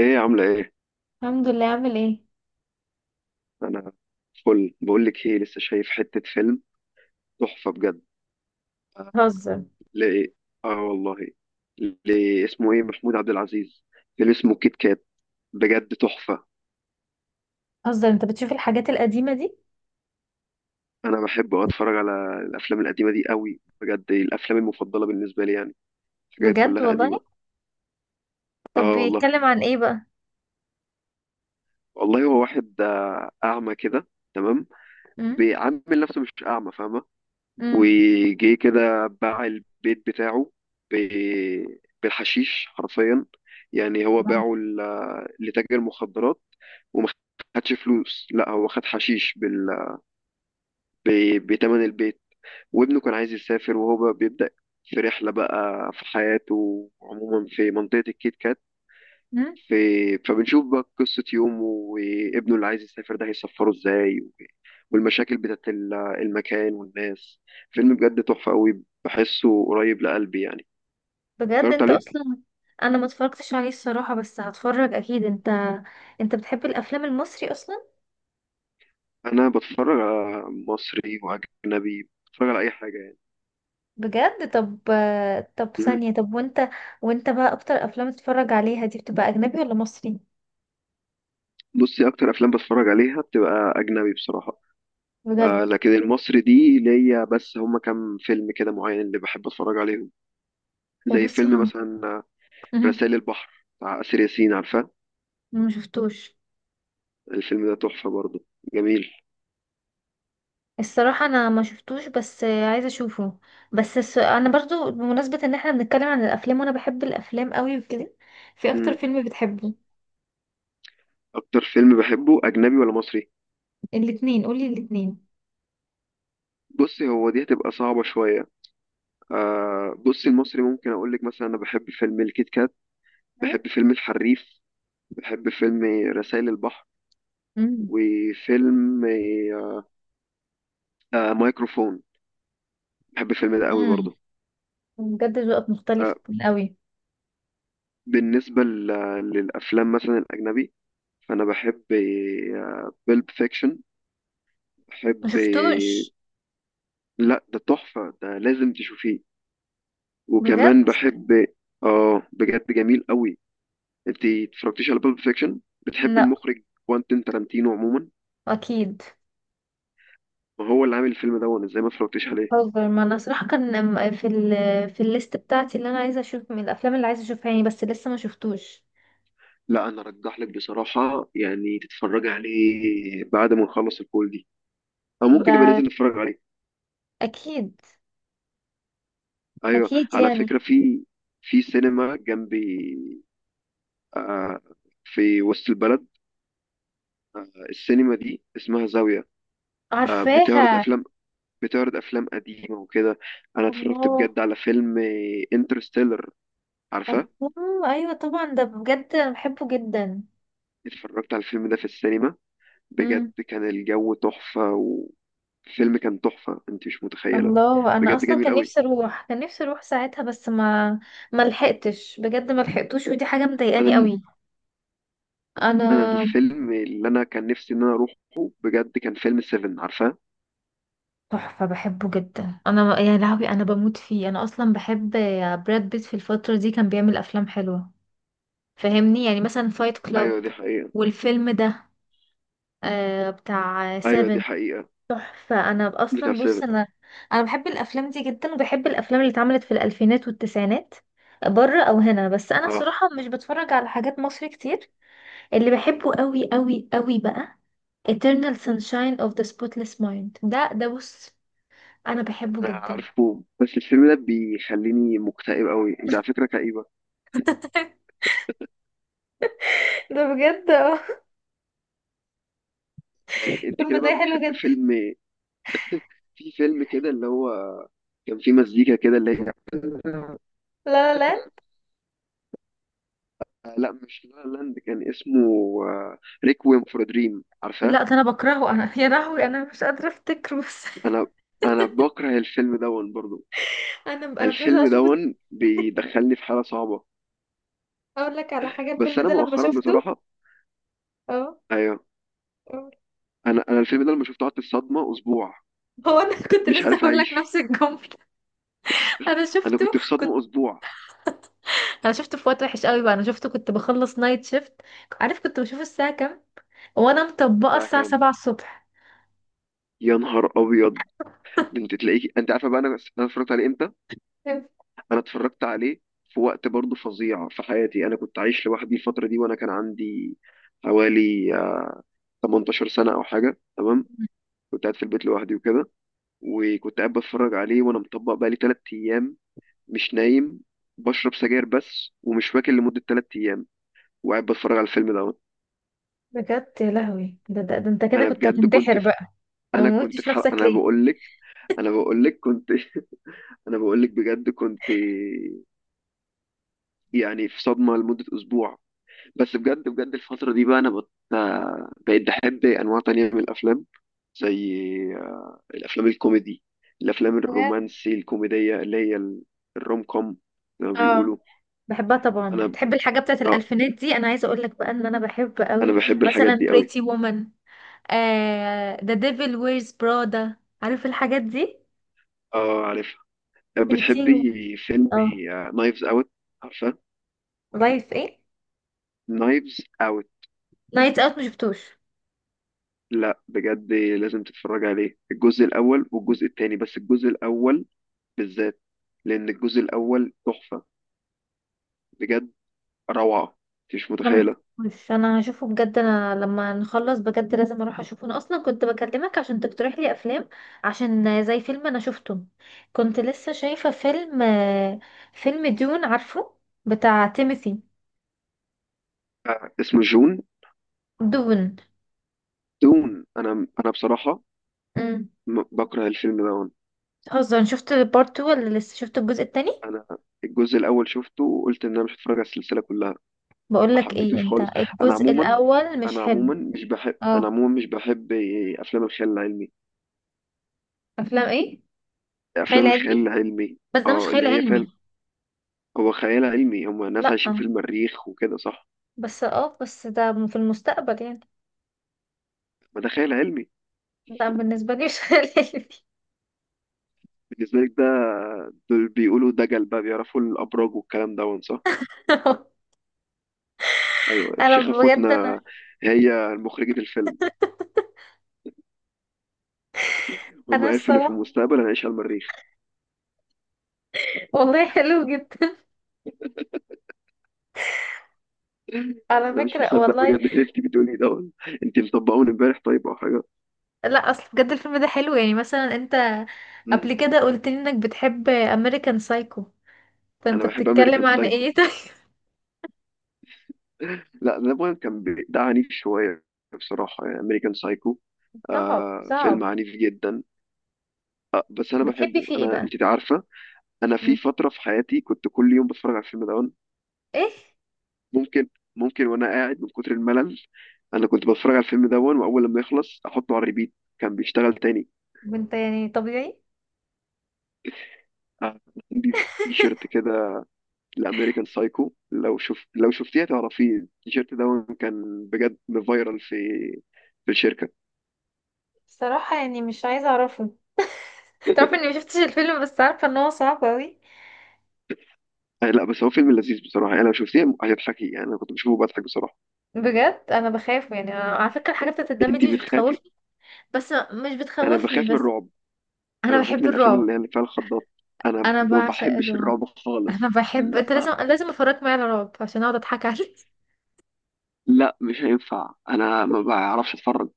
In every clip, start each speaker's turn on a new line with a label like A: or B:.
A: ايه عاملة ايه؟
B: الحمد لله. عامل ايه؟
A: انا فل. بقول لك ايه، لسه شايف حتة فيلم تحفة بجد.
B: هزر
A: ليه؟ اه والله. ليه اسمه ايه؟ محمود عبد العزيز. فيلم اسمه كيت كات، بجد تحفة.
B: هزر. انت بتشوف الحاجات القديمة دي؟
A: انا بحب أوي اتفرج على الافلام القديمة دي قوي، بجد دي الافلام المفضلة بالنسبة لي يعني. حاجات
B: بجد
A: كلها
B: والله.
A: قديمة.
B: طب
A: اه والله.
B: بيتكلم عن ايه بقى؟
A: والله هو واحد اعمى كده، تمام.
B: امم
A: بيعمل نفسه مش اعمى، فاهمة.
B: امم
A: وجي كده باع البيت بتاعه ب- بالحشيش حرفيا، يعني هو
B: نعم.
A: باعه لتاجر مخدرات. وما خدش فلوس، لا هو خد حشيش بتمن البيت. وابنه كان عايز يسافر، وهو بقى بيبدأ في رحلة بقى في حياته عموما في منطقة الكيت كات.
B: امم
A: في... فبنشوف بقى قصة يومه وابنه اللي عايز يسافر ده هيسفره ازاي، والمشاكل بتاعت المكان والناس. فيلم بجد تحفة قوي، بحسه قريب لقلبي يعني.
B: بجد؟
A: اتفرجت
B: انت
A: عليه.
B: اصلا... انا ما اتفرجتش عليه الصراحة، بس هتفرج اكيد. انت بتحب الافلام المصري اصلا؟
A: انا بتفرج على مصري واجنبي، بتفرج على اي حاجة يعني.
B: بجد؟ طب
A: مم.
B: ثانية، طب وانت بقى اكتر افلام تتفرج عليها دي بتبقى اجنبي ولا مصري؟
A: بصي، اكتر افلام بتفرج عليها بتبقى اجنبي بصراحة. آه
B: بجد.
A: لكن المصري دي ليا، بس هما كام فيلم كده معين اللي بحب اتفرج عليهم. زي
B: ببص
A: فيلم
B: ما
A: مثلا
B: مم.
A: رسائل البحر بتاع آسر ياسين، عارفاه.
B: ما شفتوش.
A: الفيلم ده تحفة برضه، جميل.
B: الصراحة انا ما شفتوش، بس عايزة اشوفه. بس انا برضو بمناسبة ان احنا بنتكلم عن الافلام، وانا بحب الافلام قوي وكده، في اكتر
A: مم.
B: فيلم بتحبه؟
A: اكتر فيلم بحبه اجنبي ولا مصري؟
B: الاتنين، قولي الاتنين.
A: بصي، هو دي هتبقى صعبة شوية. آه بص، المصري ممكن اقول لك مثلا انا بحب فيلم الكيت كات،
B: مم؟
A: بحب فيلم الحريف، بحب فيلم رسائل البحر،
B: مم.
A: وفيلم مايكروفون، بحب الفيلم ده قوي
B: امم
A: برضه.
B: بجد، ذوقك
A: آه.
B: مختلف قوي.
A: بالنسبة للافلام مثلا الاجنبي، فانا بحب بيلب فيكشن،
B: ما
A: بحب.
B: شفتوش.
A: لا ده تحفة، ده لازم تشوفيه.
B: بجد؟
A: وكمان بحب. اه بجد جميل قوي. انت اتفرجتيش على بيلب فيكشن؟ بتحب
B: لا،
A: المخرج كوانتين تارانتينو عموما.
B: اكيد.
A: ما هو اللي عامل الفيلم ده، وانا ازاي ما اتفرجتش عليه.
B: هوفر، ما انا صراحة كان في الليست بتاعتي اللي انا عايزة اشوف من الافلام اللي عايزة اشوفها يعني، بس لسه ما شفتوش
A: لا انا ارجح لك بصراحه يعني تتفرج عليه بعد ما نخلص الكول دي، او ممكن يبقى
B: ده.
A: ننزل نتفرج عليه.
B: اكيد،
A: ايوه،
B: اكيد
A: على
B: يعني.
A: فكره في، في سينما جنبي. آه. في وسط البلد. آه السينما دي اسمها زاويه. آه، بتعرض
B: عارفاها.
A: افلام، بتعرض افلام قديمه وكده. انا اتفرجت
B: الله.
A: بجد على فيلم انترستيلر، عارفه.
B: الله ايوه طبعا، ده بجد انا بحبه جدا.
A: اتفرجت على الفيلم ده في السينما، بجد
B: امم.
A: كان الجو تحفة والفيلم كان تحفة، انت مش متخيلة.
B: الله، انا
A: بجد
B: اصلا
A: جميل
B: كان
A: قوي.
B: نفسي اروح، كان نفسي اروح ساعتها، بس ما لحقتش، بجد ما لحقتوش، ودي حاجه
A: انا
B: مضايقاني
A: ال...
B: قوي.
A: انا
B: انا،
A: الفيلم اللي انا كان نفسي ان انا اروحه، بجد كان فيلم 7، عارفاه.
B: تحفه، بحبه جدا انا يا لهوي، انا بموت فيه، انا اصلا بحب براد بيت في الفتره دي. كان بيعمل افلام حلوه، فاهمني؟ يعني مثلا فايت كلاب،
A: ايوه دي حقيقة.
B: والفيلم ده بتاع
A: ايوه دي
B: سيفن.
A: حقيقة،
B: تحفة. انا
A: بتاع
B: اصلا بص،
A: 7.
B: انا بحب الافلام دي جدا، وبحب الافلام اللي اتعملت في الالفينات والتسعينات، بره او هنا. بس انا
A: اه
B: الصراحة مش بتفرج على حاجات مصري كتير. اللي بحبه قوي قوي قوي بقى Eternal Sunshine of the Spotless Mind. ده بص، انا بحبه
A: انا
B: جدا.
A: عارفه، بس الفيلم ده بيخليني مكتئب قوي، انت على فكرة كئيبة
B: ده بجد، اه.
A: يعني. انت
B: الفيلم
A: كده بقى
B: ده حلو
A: بتحب
B: جدا.
A: فيلم. في فيلم كده اللي هو كان فيه مزيكا كده اللي هي
B: لا، لا، لا،
A: لا مش لا لاند، كان اسمه ريكويم فور دريم، عارفاه.
B: لا ده انا بكرهه، انا يا لهوي انا مش قادره افتكره بس.
A: انا انا بكره الفيلم دون برضو،
B: انا مش عايزه
A: الفيلم
B: اشوفه.
A: دون بيدخلني في حاله صعبه.
B: اقول لك على حاجه،
A: بس
B: الفيلم
A: انا
B: ده لما
A: مؤخرا
B: شفته،
A: بصراحه.
B: اه،
A: ايوه. انا الفيلم ده لما شفته قعدت في صدمه اسبوع،
B: هو انا كنت
A: مش
B: لسه
A: عارف
B: هقول لك
A: اعيش.
B: نفس الجمله. انا
A: انا
B: شفته،
A: كنت في
B: كنت،
A: صدمه اسبوع.
B: انا شفته في وقت وحش قوي بقى. انا شفته كنت بخلص نايت شيفت. عارف كنت بشوف الساعه كام؟ وانا مطبقه،
A: الساعه
B: الساعه
A: كام؟
B: 7 الصبح.
A: يا نهار ابيض. ده انت تلاقيك، انت عارفه بقى انا. انا اتفرجت عليه امتى؟ انا اتفرجت عليه في وقت برضو فظيع في حياتي، انا كنت عايش لوحدي الفتره دي، وانا كان عندي حوالي 18 سنه او حاجه، تمام. كنت قاعد في البيت لوحدي وكده، وكنت قاعد بتفرج عليه وانا مطبق بقالي ثلاث ايام مش نايم، بشرب سجاير بس ومش واكل لمدة تلات أيام، وقاعد بتفرج على الفيلم دوت.
B: بجد يا لهوي، ده انت كده
A: أنا
B: كنت
A: بجد كنت
B: هتنتحر
A: في.
B: بقى. ما
A: أنا كنت
B: موتش
A: في حلقة،
B: نفسك
A: أنا
B: ليه؟
A: بقول لك، أنا بقول لك كنت أنا بقول لك بجد كنت يعني في صدمة لمدة أسبوع. بس بجد بجد الفترة دي بقى بقيت بحب أنواع تانية من الأفلام، زي الأفلام الكوميدي، الأفلام
B: بجد،
A: الرومانسي الكوميدية اللي هي الروم كوم، زي ما
B: اه،
A: بيقولوا.
B: بحبها طبعا.
A: أنا
B: تحب الحاجه بتاعت
A: آه،
B: الالفينات دي؟ انا عايزه اقول لك بقى ان انا بحب
A: أنا
B: قوي،
A: بحب الحاجات
B: مثلا
A: دي أوي.
B: بريتي وومن، ذا ديفل ويرز برادا. عارف الحاجات دي؟
A: اه عارف.
B: 13.
A: بتحبي فيلم
B: اه.
A: نايفز اوت، عارفه.
B: لايف ايه؟
A: نايفز اوت.
B: نايت اوت مشفتوش.
A: لا بجد لازم تتفرج عليه، الجزء الاول والجزء التاني، بس الجزء الاول بالذات، لان الجزء الاول تحفه، بجد روعه، انت مش
B: انا
A: متخيله.
B: مشفتوش، انا هشوفه بجد، انا لما نخلص بجد لازم اروح اشوفه. انا اصلا كنت بكلمك عشان تقترح لي افلام، عشان زي فيلم انا شفته، كنت لسه شايفه فيلم فيلم دون، عارفه؟ بتاع تيموثي.
A: اسمه جون.
B: دون.
A: دون. انا بصراحه
B: امم.
A: بكره الفيلم ده.
B: هزر، شفت البارت 2 ولا لسه؟ شفت الجزء التاني؟
A: انا الجزء الاول شفته وقلت ان انا مش هتفرج على السلسله كلها،
B: بقول
A: ما
B: لك ايه،
A: حبيتوش
B: انت
A: خالص. انا
B: الجزء
A: عموما،
B: الاول مش حلو. اه.
A: انا عموما مش بحب افلام الخيال العلمي.
B: افلام ايه؟
A: افلام
B: خيال علمي.
A: الخيال العلمي.
B: بس ده مش
A: اه
B: خيال
A: اللي هي فعلا
B: علمي.
A: هو خيال علمي، هم ناس
B: لا،
A: عايشين في المريخ وكده صح.
B: بس ده في المستقبل يعني.
A: ما ده خيال علمي.
B: لا بالنسبة لي مش هلال دي.
A: بالنسبة لك ده. دول بيقولوا دجل بقى، بيعرفوا الأبراج والكلام ده صح. أيوة
B: انا
A: الشيخة
B: بجد، انا
A: فوتنا، هي مخرجة الفيلم، هم
B: انا
A: عرفوا إن في
B: الصراحة
A: المستقبل هنعيش على المريخ.
B: والله حلو جدا، على
A: أنا مش
B: فكرة
A: مصدق
B: والله.
A: بجد اللي أنت بتقولي ده، أنت مطبقون إمبارح طيب أو حاجة.
B: لا، اصل بجد الفيلم ده حلو، يعني مثلا انت
A: مم.
B: قبل كده قلت لي انك بتحب امريكان سايكو،
A: أنا
B: فانت
A: بحب أمريكان
B: بتتكلم عن،
A: سايكو.
B: ايه ده؟
A: لا ده بقى كان ده عنيف شوية بصراحة يعني، أمريكان سايكو
B: صعب،
A: آه فيلم
B: صعب.
A: عنيف جدا. بس انا
B: بتحبي
A: بحبه،
B: فيه ايه
A: انا
B: بقى؟
A: انت عارفه، انا في
B: مم.
A: فتره في حياتي كنت كل يوم بتفرج على الفيلم ده.
B: ايه؟
A: ممكن ممكن وانا قاعد من كتر الملل، انا كنت بتفرج على الفيلم ده واول لما يخلص احطه على الريبيت كان بيشتغل تاني.
B: انت يعني طبيعي؟
A: آه، عندي تي شيرت كده لامريكان سايكو، لو شوف لو شفتيه تعرفيه، التي شيرت ده كان بجد فايرال في، في الشركه.
B: صراحة يعني مش عايزة اعرفه. تعرف اني مشفتش الفيلم، بس عارفة ان هو صعب اوي.
A: لا بس هو فيلم لذيذ بصراحه، انا لو شفتيه هتضحكي يعني، انا كنت بشوفه بضحك بصراحه.
B: بجد انا بخاف يعني. أنا على فكرة الحاجات بتاعت الدم
A: انت
B: دي مش،
A: بتخافي.
B: بس مش
A: انا
B: بتخوفني
A: بخاف من
B: بس.
A: الرعب، انا
B: انا
A: بخاف
B: بحب
A: من الافلام
B: الرعب.
A: اللي هي اللي فيها الخضات، انا
B: انا
A: ما
B: بعشق
A: بحبش
B: الرعب.
A: الرعب خالص.
B: انا بحب، انت لازم،
A: لا
B: لازم افرجك معايا على رعب عشان اقعد اضحك عليك.
A: لا مش هينفع، انا ما بعرفش اتفرج،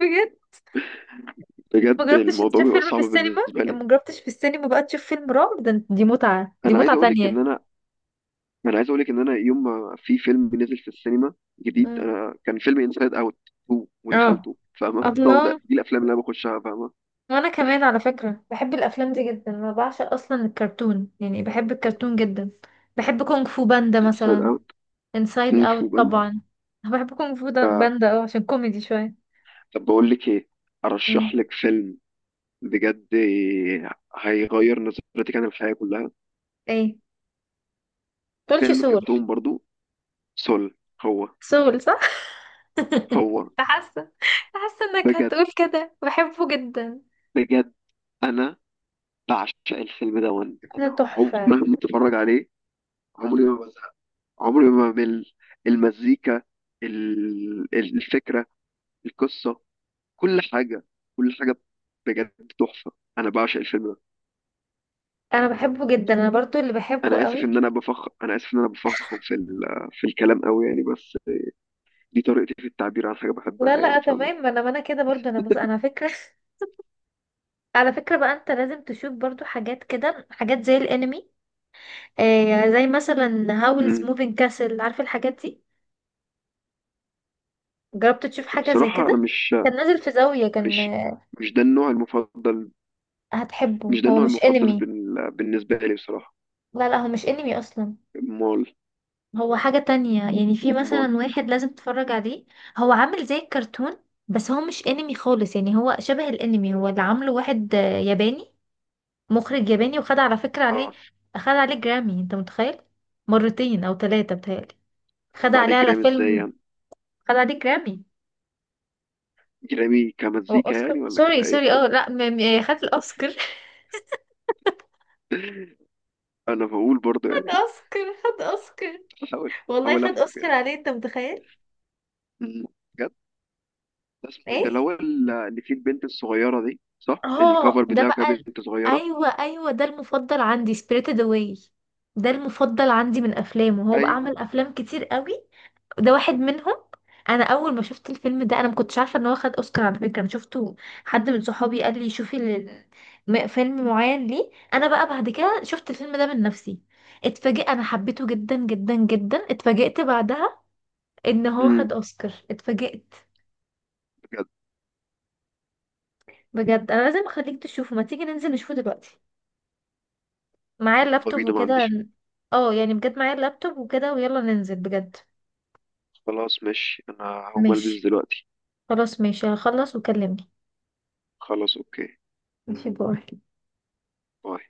B: بجد؟ ما
A: بجد
B: جربتش
A: الموضوع
B: تشوف
A: بيبقى
B: فيلم في
A: صعب
B: السينما؟
A: بالنسبه لي.
B: ما جربتش في السينما بقى تشوف فيلم رعب؟ ده دي متعة، دي
A: انا عايز
B: متعة
A: اقول لك
B: تانية.
A: ان انا انا عايز اقول لك ان انا يوم ما في فيلم نزل في السينما جديد،
B: مم.
A: انا كان فيلم انسايد اوت 2
B: اه.
A: ودخلته، فاهمه. هو
B: الله.
A: ده، دي الافلام اللي انا بخشها، فاهمه.
B: وانا كمان على فكرة بحب الافلام دي جدا، انا بعشق اصلا الكرتون، يعني بحب الكرتون جدا. بحب كونغ فو باندا
A: انسايد
B: مثلا.
A: اوت.
B: انسايد
A: كونغ فو
B: اوت
A: باندا.
B: طبعا. أنا بحب كونغ فو باندا، اه عشان كوميدي شوية.
A: طب بقول لك ايه،
B: مم.
A: ارشح لك فيلم بجد هيغير نظرتك عن الحياه كلها.
B: ايه؟ تقولش
A: فيلم
B: سول؟
A: كرتون برضو، سول. هو.
B: سول، صح.
A: هو
B: حاسه، حاسه انك
A: بجد
B: هتقول كده. بحبه جدا،
A: بجد انا بعشق الفيلم ده، وانا
B: ده
A: عم
B: تحفه.
A: مهما اتفرج عليه، عمري ما بزهق، عمري ما بمل، المزيكا، الفكره، القصه، كل حاجه كل حاجه، بجد تحفه، انا بعشق الفيلم ده.
B: انا بحبه جدا، انا برضو اللي بحبه قوي.
A: انا اسف ان انا بفخم في في الكلام قوي يعني، بس دي طريقتي في التعبير عن حاجه
B: لا،
A: بحبها يعني
B: لا،
A: فاهمه.
B: تمام، ما انا كده برضو. انا بص، انا فكره. على فكره بقى، انت لازم تشوف برضو حاجات كده، حاجات زي الانمي، زي مثلا هاولز
A: مم.
B: موفينج كاسل. عارف الحاجات دي؟ جربت تشوف حاجه زي
A: بصراحه
B: كده؟
A: انا مش،
B: كان نازل في زاويه، كان،
A: مش مش ده النوع المفضل،
B: هتحبه،
A: مش ده
B: هو
A: النوع
B: مش
A: المفضل
B: انمي.
A: بالنسبة لي بصراحة.
B: لا، لا، هو مش انمي اصلا.
A: امال.
B: هو حاجة تانية يعني. في
A: امال.
B: مثلا واحد لازم تتفرج عليه. هو عامل زي الكرتون، بس هو مش انمي خالص، يعني هو شبه الانمي. هو اللي عامله واحد ياباني، مخرج ياباني، وخد على فكرة عليه،
A: اه.
B: خد عليه جرامي، انت متخيل؟ مرتين او ثلاثة بتهيألي. خد
A: طب
B: عليه
A: عليك
B: على
A: جرامي ازاي
B: فيلم،
A: يعني؟
B: خد عليه جرامي.
A: جرامي
B: هو
A: كمزيكا
B: اوسكار.
A: يعني ولا
B: سوري،
A: كايه
B: سوري،
A: طيب؟
B: اه لا، خد الاوسكار.
A: انا بقول برضه
B: خد
A: يعني
B: اوسكار، خد اوسكار. والله
A: بحاول
B: خد
A: افهم
B: اوسكار
A: يعني.
B: عليه، انت متخيل؟
A: أمم، بجد. ده اسمه ايه؟ ده اللي
B: ايه؟
A: هو اللي فيه البنت الصغيرة دي صح،
B: اه،
A: الكفر
B: ده
A: بتاعه كان
B: بقى
A: بنت صغيرة.
B: ايوه، ايوه ده المفضل عندي، سبirited اواي. ده المفضل عندي من افلامه. هو بقى
A: ايوه.
B: عمل افلام كتير قوي، ده واحد منهم. انا اول ما شفت الفيلم ده انا ما كنتش عارفه ان هو خد اوسكار، على فكره. انا شفته، حد من صحابي قال لي شوفي فيلم معين ليه. انا بقى بعد كده شفت الفيلم ده من نفسي، اتفاجئت. انا حبيته جدا جدا جدا. اتفاجئت بعدها ان هو
A: امم.
B: خد اوسكار، اتفاجئت.
A: بجد.
B: بجد انا لازم اخليك تشوفه. ما تيجي ننزل نشوفه دلوقتي؟ معايا
A: يلا
B: اللابتوب
A: بينا، ما
B: وكده.
A: عنديش.
B: اه يعني بجد معايا اللابتوب وكده، ويلا ننزل بجد.
A: خلاص ماشي، انا هقوم البس
B: ماشي.
A: دلوقتي.
B: خلاص ماشي، هخلص وكلمني.
A: خلاص اوكي.
B: ماشي، باي.
A: باي.